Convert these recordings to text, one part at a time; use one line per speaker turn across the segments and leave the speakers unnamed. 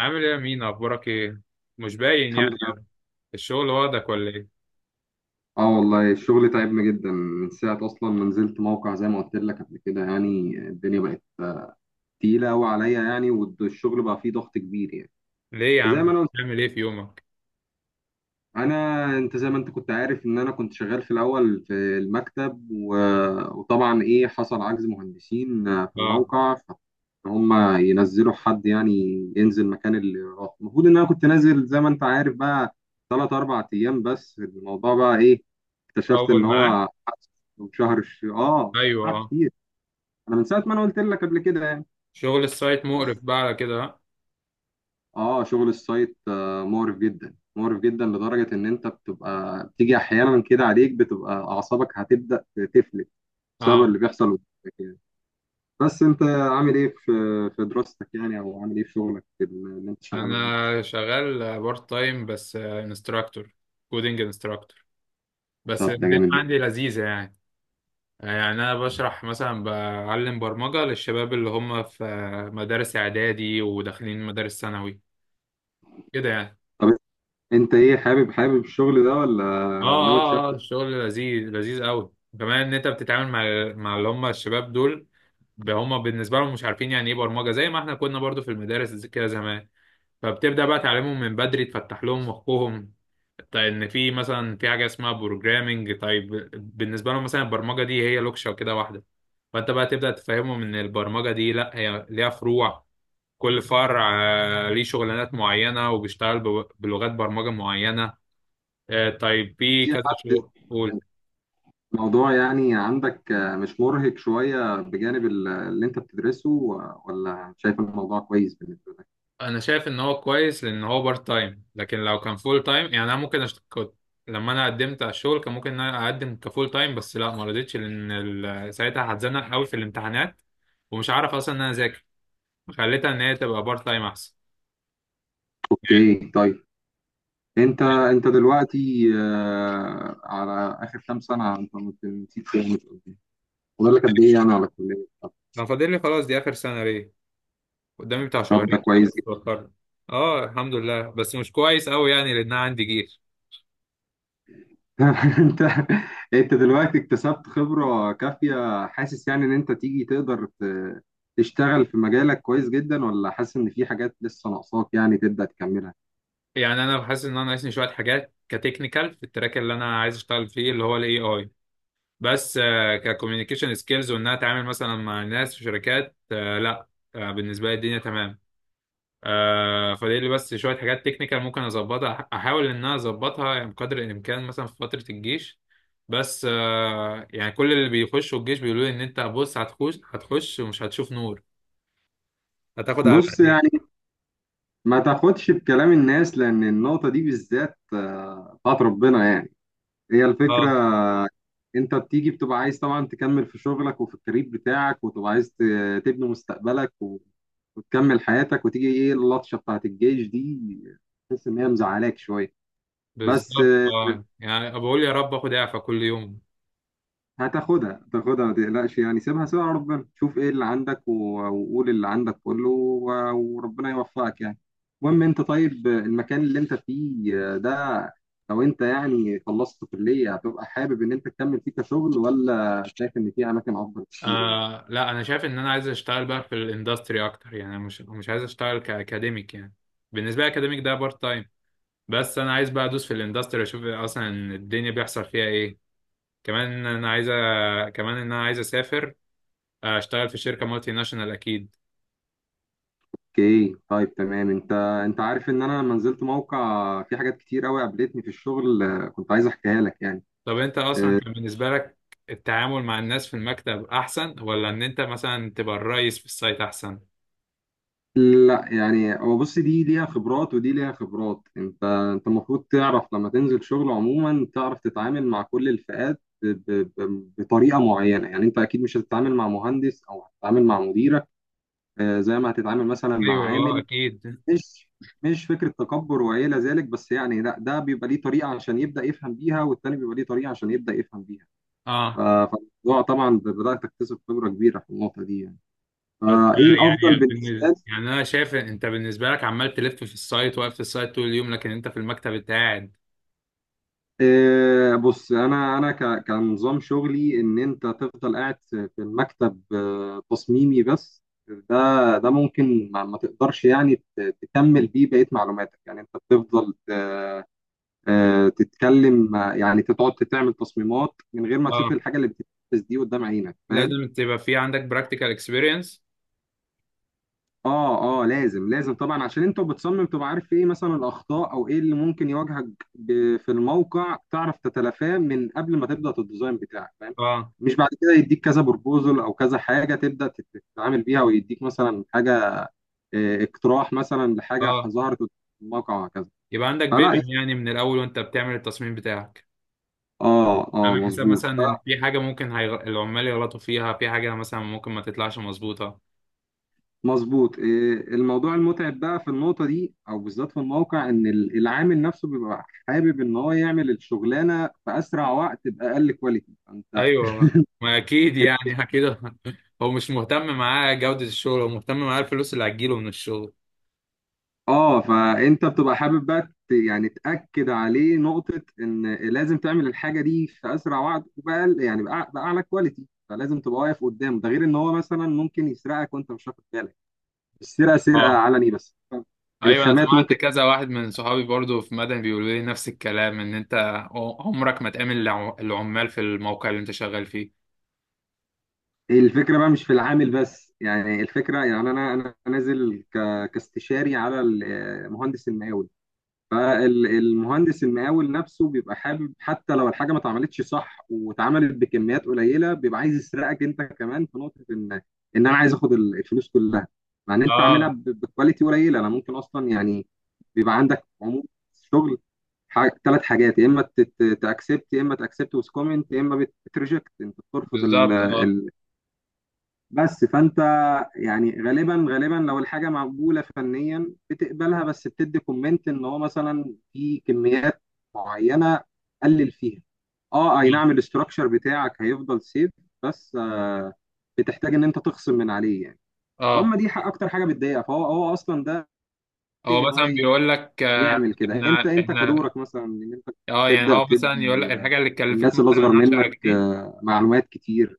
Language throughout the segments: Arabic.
عامل ايه يا مين، اخبارك ايه؟ مش باين يعني
الحمد
يا ابني.
لله.
الشغل واخدك ولا ايه؟
اه والله، الشغل تعبنا جدا من ساعة أصلا ما نزلت موقع، زي ما قلت لك قبل كده، يعني الدنيا بقت تقيلة أوي عليا، يعني والشغل بقى فيه ضغط كبير يعني.
ليه يا عم؟
زي ما أنا
بتعمل ايه في يومك؟
انا انت زي ما انت كنت عارف ان انا كنت شغال في الاول في المكتب، وطبعا ايه حصل عجز مهندسين في
اه.
الموقع، فهم ينزلوا حد يعني ينزل مكان اللي راح. المفروض ان انا كنت نازل زي ما انت عارف بقى ثلاث اربع ايام، بس الموضوع بقى ايه؟ اكتشفت
اول
ان
معاه.
هو شهر. اه،
ايوه،
قعد
اه.
كتير. انا من ساعه ما انا قلت لك قبل كده يعني،
شغل السايت مقرف
بس
بقى على كده، ها؟
اه شغل السايت، مقرف جدا، مقرف جدا، لدرجة ان انت بتبقى بتيجي احيانا كده عليك بتبقى اعصابك هتبدأ تفلت بسبب
اه.
اللي بيحصل قدامك يعني. بس انت عامل ايه في دراستك يعني، او عامل ايه في شغلك اللي انت شغاله جنب الشغل؟
انا شغال بارت تايم، بس انستراكتور. كودينج انستراكتور. بس
طب ده
الدنيا
جامد جدا.
عندي لذيذه يعني. يعني انا بشرح مثلا، بعلم برمجه للشباب اللي هم في مدارس اعدادي وداخلين مدارس ثانوي كده يعني.
طب انت ايه، حابب حابب الشغل ده ولا
اه،
ناوي تشفت
اه، اه، الشغل لذيذ لذيذ قوي، وكمان ان انت بتتعامل مع اللي هم الشباب دول. هم بالنسبه لهم مش عارفين يعني ايه برمجه، زي ما احنا كنا برضو في المدارس كده زمان. فبتبدا بقى تعلمهم من بدري، تفتح لهم مخهم. طيب، ان في مثلا في حاجه اسمها بروجرامنج، طيب بالنسبه لهم مثلا البرمجه دي هي لوكشه كده واحده. فانت بقى تبدا تفهمهم ان البرمجه دي لا، هي ليها فروع، كل فرع ليه شغلانات معينه، وبيشتغل بلغات برمجه معينه. طيب في
في
كذا
حد؟
شغل.
الموضوع يعني عندك، مش مرهق شوية بجانب اللي انت بتدرسه ولا شايف الموضوع كويس بالنسبة لك؟
انا شايف ان هو كويس لان هو بارت تايم، لكن لو كان فول تايم يعني انا ممكن كنت، لما انا قدمت على الشغل كان ممكن ان انا اقدم كفول تايم، بس لا، ما رضيتش لان ساعتها هتزنق قوي في الامتحانات ومش عارف اصلا ان انا اذاكر. خليتها ان هي تبقى بارت تايم احسن يعني.
اوكي، طيب. انت دلوقتي، على اخر كام سنه، انت ما نسيت كام فاضل لك قد ايه يعني على الكليه؟ طب،
لو فاضل لي، خلاص دي اخر سنه ليه. قدامي بتاع
طب
شهرين
ده
كده،
كويس جدا.
بتفكر. اه الحمد لله، بس مش كويس قوي يعني، لان انا عندي جيش.
انت انت دلوقتي اكتسبت خبره كافيه، حاسس يعني ان انت تيجي تقدر تشتغل في مجالك كويس جدا، ولا حاسس ان في حاجات لسه ناقصاك يعني تبدا تكملها؟
يعني انا حاسس ان انا ناقصني شويه حاجات كتكنيكال في التراك اللي انا عايز اشتغل فيه، اللي هو الاي اي. بس ككوميونيكيشن سكيلز، وانها اتعامل مثلا مع ناس في شركات، لا. بالنسبه لي الدنيا تمام. فدي اللي، بس شويه حاجات تكنيكال ممكن اظبطها، احاول ان انا اظبطها يعني بقدر الامكان، مثلا في فتره الجيش. بس يعني كل اللي بيخشوا الجيش بيقولوا لي ان انت بص، هتخش هتخش ومش هتشوف نور، هتاخد على
بص
عينيك.
يعني، ما تاخدش بكلام الناس، لان النقطه دي بالذات، بتاعت ربنا يعني. هي الفكره،
اه
انت بتيجي بتبقى عايز طبعا تكمل في شغلك وفي الكارير بتاعك، وتبقى عايز تبني مستقبلك وتكمل حياتك، وتيجي ايه؟ اللطشه بتاعت الجيش دي، تحس ان هي مزعلاك شويه. بس
بالظبط، اه، يعني بقول يا رب اخد اعفاء كل يوم.
هتاخدها هتاخدها ما تقلقش يعني، سيبها سيبها على ربنا، شوف ايه اللي عندك وقول اللي عندك كله وربنا يوفقك يعني. المهم، انت طيب، المكان اللي انت فيه ده، لو انت يعني خلصت كلية، هتبقى حابب ان انت تكمل فيه كشغل، ولا شايف ان في اماكن افضل كتير يعني؟
آه لا، انا شايف ان انا عايز اشتغل بقى في الاندستري اكتر يعني، أنا مش عايز اشتغل كاكاديميك يعني. بالنسبه لي اكاديميك ده بارت تايم. بس انا عايز بقى ادوس في الاندستري، اشوف اصلا الدنيا بيحصل فيها ايه. كمان انا عايز كمان ان انا عايز اسافر، اشتغل في شركه مالتي ناشونال اكيد.
اوكي، طيب، تمام. انت عارف ان انا لما نزلت موقع في حاجات كتير قوي قابلتني في الشغل، كنت عايز احكيها لك يعني.
طب انت اصلا،
آه،
كان بالنسبه لك التعامل مع الناس في المكتب احسن، ولا ان انت مثلا تبقى الرئيس في السايت احسن؟
لا، يعني هو بص، دي ليها خبرات ودي ليها خبرات. انت المفروض تعرف لما تنزل شغل عموما تعرف تتعامل مع كل الفئات بطريقه معينه، يعني انت اكيد مش هتتعامل مع مهندس او هتتعامل مع مديرك زي ما هتتعامل مثلا مع
ايوه، اه،
عامل.
اكيد،
مش مش فكرة تكبر وإلى ذلك بس، يعني لا، ده بيبقى ليه طريقة عشان يبدأ يفهم بيها، والتاني بيبقى ليه طريقة عشان يبدأ يفهم بيها.
اه.
فالموضوع طبعا بدأت تكتسب خبرة كبيرة في النقطة دي يعني.
بس
فإيه الأفضل
يعني
بالنسبة لي؟
يعني انا شايف إن انت بالنسبه لك عمال تلف في السايت، واقف في السايت طول اليوم، لكن انت في المكتب انت قاعد.
بص، أنا كنظام شغلي، إن أنت تفضل قاعد في المكتب، تصميمي، بس ده ممكن ما تقدرش يعني تكمل بيه بقية معلوماتك، يعني أنت بتفضل، تتكلم، يعني تقعد تعمل تصميمات من غير ما تشوف
اه،
الحاجه اللي بتتنفذ دي قدام عينك، فاهم؟
لازم تبقى في عندك براكتيكال اكسبيرينس.
اه اه، لازم لازم طبعا، عشان انت بتصمم، تبقى عارف ايه مثلا الاخطاء او ايه اللي ممكن يواجهك في الموقع، تعرف تتلافاه من قبل ما تبدا الديزاين بتاعك، فاهم؟
اه،
مش بعد كده يديك كذا بروبوزل او كذا حاجه تبدا تتعامل بيها، ويديك مثلا حاجه، اقتراح مثلا لحاجه
اه.
ظهرت قدام الموقع، وهكذا.
يبقى عندك
فلا،
فيجن يعني من الاول وانت بتعمل التصميم بتاعك،
اه اه،
عامل حساب
مظبوط.
مثلا ان في حاجه ممكن العمال يغلطوا فيها، في حاجه مثلا ممكن ما تطلعش مظبوطه.
مظبوط، إيه، الموضوع المتعب بقى في النقطة دي أو بالذات في الموقع، إن العامل نفسه بيبقى حابب إن هو يعمل الشغلانة في أسرع وقت بأقل كواليتي.
ايوه ما اكيد يعني، اكيد. هو مش مهتم معاه جوده الشغل، هو مهتم معاه الفلوس اللي هتجيله من الشغل.
فأنت بتبقى حابب بقى يعني تأكد عليه نقطة إن لازم تعمل الحاجة دي في أسرع وقت وبأقل، يعني بأعلى كواليتي، فلازم تبقى واقف قدامه، ده غير إن هو مثلا ممكن يسرقك وأنت مش واخد بالك. السرقة سرقة
اه،
علني بس،
ايوه، انا
الخامات
سمعت
ممكن.
كذا واحد من صحابي برضو في مدني بيقولوا لي نفس الكلام، ان انت عمرك ما تقابل العمال في الموقع اللي انت شغال فيه.
الفكرة بقى مش في العامل بس، يعني الفكرة، يعني أنا نازل كاستشاري على المهندس المقاول، فالمهندس المقاول نفسه بيبقى حابب، حتى لو الحاجة ما اتعملتش صح واتعملت بكميات قليلة بيبقى عايز يسرقك أنت كمان، في نقطة إن أنا عايز آخد الفلوس كلها، مع إن أنت عاملها
اه
بكواليتي قليلة، أنا ممكن أصلا يعني. بيبقى عندك عموم شغل ثلاث حاجات، يا اما تاكسبت، يا اما تاكسبت ويز كومنت، يا اما بتريجكت انت بترفض.
بالظبط، اه،
بس فانت، يعني غالبا غالبا لو الحاجه مقبوله فنيا بتقبلها، بس بتدي كومنت ان هو مثلا في كميات معينه قلل فيها. اه اي نعم،
اه،
الاستراكشر بتاعك هيفضل سيف، بس بتحتاج ان انت تخصم من عليه يعني. هم،
آه.
دي حق اكتر حاجه بتضايقها. فهو اصلا ده
هو
ان هو
مثلا بيقول لك،
يعمل كده.
احنا
انت
احنا
كدورك مثلا، ان انت
اه يعني،
تبدا
هو مثلا يقول لك
تدي،
الحاجه اللي اتكلفت
الناس اللي
مثلا
اصغر
10
منك،
جنيه
معلومات كتير.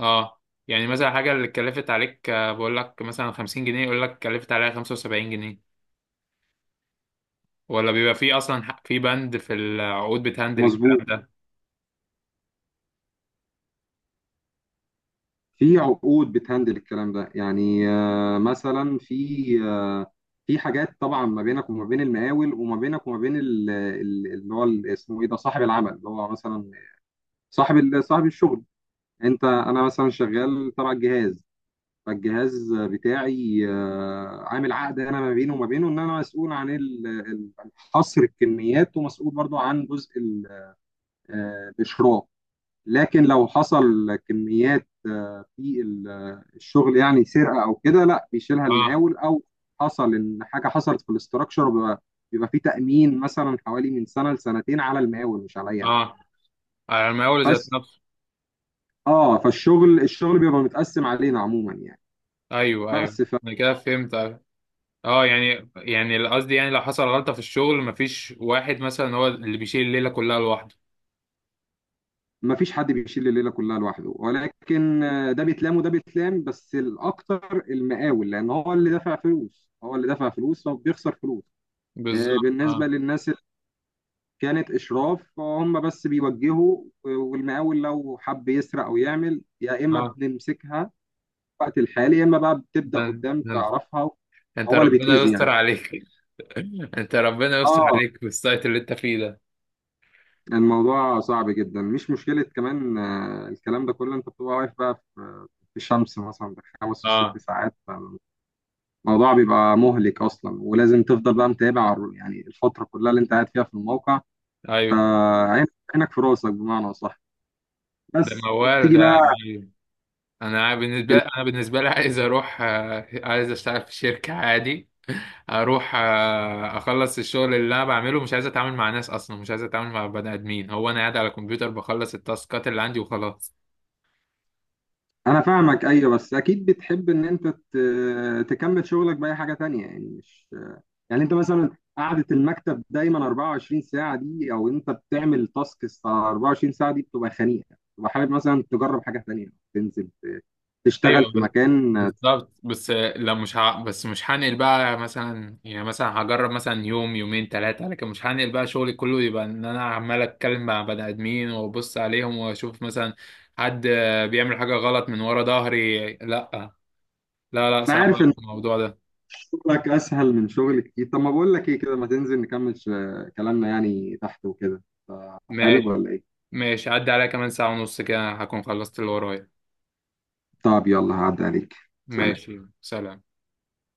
اه، يعني مثلا الحاجه اللي اتكلفت عليك بقول لك مثلا 50 جنيه، يقول لك اتكلفت عليها 75 جنيه. ولا بيبقى في اصلا في بند في العقود بتهندل الكلام
مظبوط،
ده؟
في عقود بتهندل الكلام ده، يعني مثلا في في حاجات طبعا ما بينك وما بين المقاول، وما بينك وما بين اللي هو اسمه ايه ده، صاحب العمل، اللي هو مثلا صاحب صاحب الشغل. انت انا مثلا شغال تبع الجهاز، فالجهاز بتاعي، عامل عقد انا ما بينه وما بينه ان انا مسؤول عن حصر الكميات، ومسؤول برضو عن جزء الاشراف، لكن لو حصل كميات، في الشغل، يعني سرقه او كده، لا بيشيلها
اه،
المقاول، او حصل ان حاجه حصلت في الاستراكشر، بيبقى بيبقى في تامين مثلا حوالي من سنه لسنتين على المقاول مش عليا انا.
اه. على المقاول ذات.
بس اه، فالشغل الشغل بيبقى متقسم علينا عموما يعني.
ايوه، ايوه،
بس فما،
انا كده فهمت، أيوه. اه يعني قصدي، يعني لو حصل غلطه في الشغل مفيش واحد مثلا هو اللي بيشيل الليله كلها لوحده.
فيش حد بيشيل الليله كلها لوحده، ولكن ده بيتلام وده بيتلام، بس الاكتر المقاول، لان هو اللي دافع فلوس، هو اللي دافع فلوس، فبيخسر فلوس.
بالظبط،
بالنسبه
اه،
للناس كانت اشراف، هم بس بيوجهوا، والمقاول لو حب يسرق او يعمل، يا اما
اه.
بنمسكها في الوقت الحالي، يا اما بقى بتبدا
ده
قدام
ده
تعرفها.
انت
هو اللي
ربنا
بيتاذي
يستر
يعني.
عليك. انت ربنا يستر
اه،
عليك في السايت اللي انت فيه ده.
الموضوع صعب جدا، مش مشكله كمان، الكلام ده كله، انت بتبقى واقف بقى في الشمس مثلا بخمس وست
اه،
ساعات. فالموضوع بيبقى مهلك اصلا، ولازم تفضل بقى متابع يعني الفتره كلها اللي انت قاعد فيها في الموقع،
ايوه.
عينك عينك في راسك بمعنى اصح،
ده
بس.
موال
وبتيجي بقى.
ده، أيوه. انا بالنسبه لي عايز اروح، عايز اشتغل في شركه عادي، اروح اخلص الشغل اللي انا بعمله. مش عايز اتعامل مع ناس اصلا، مش عايز اتعامل مع بني ادمين. هو انا قاعد على الكمبيوتر بخلص التاسكات اللي عندي وخلاص.
انا فاهمك، ايوه، بس اكيد بتحب ان انت تكمل شغلك باي حاجه تانية يعني. مش يعني انت مثلا قعده المكتب دايما 24 ساعه دي، او انت بتعمل تاسكس 24 ساعه دي، بتبقى خنيقه، بتبقى حابب مثلا تجرب حاجه تانية تنزل تشتغل
ايوه
في مكان. انا
بالظبط. بس لا، مش ه... بس مش هنقل بقى مثلا، يعني مثلا هجرب مثلا يوم يومين ثلاثه، لكن مش هنقل بقى شغلي كله يبقى ان انا عمال اتكلم مع بني ادمين وابص عليهم واشوف مثلا حد بيعمل حاجه غلط من ورا ظهري. لا، لا، لا، صعب
عارف ان
الموضوع ده.
شغلك اسهل من شغل كتير، طب ما بقول لك ايه كده، ما تنزل نكمل كلامنا يعني تحت وكده، حابب
ماشي.
ولا ايه؟
ماشي، عدى عليا كمان ساعه ونص كده هكون خلصت اللي ورايا.
طب يلا، هعدي عليك. سلام.
ماشي، سلام.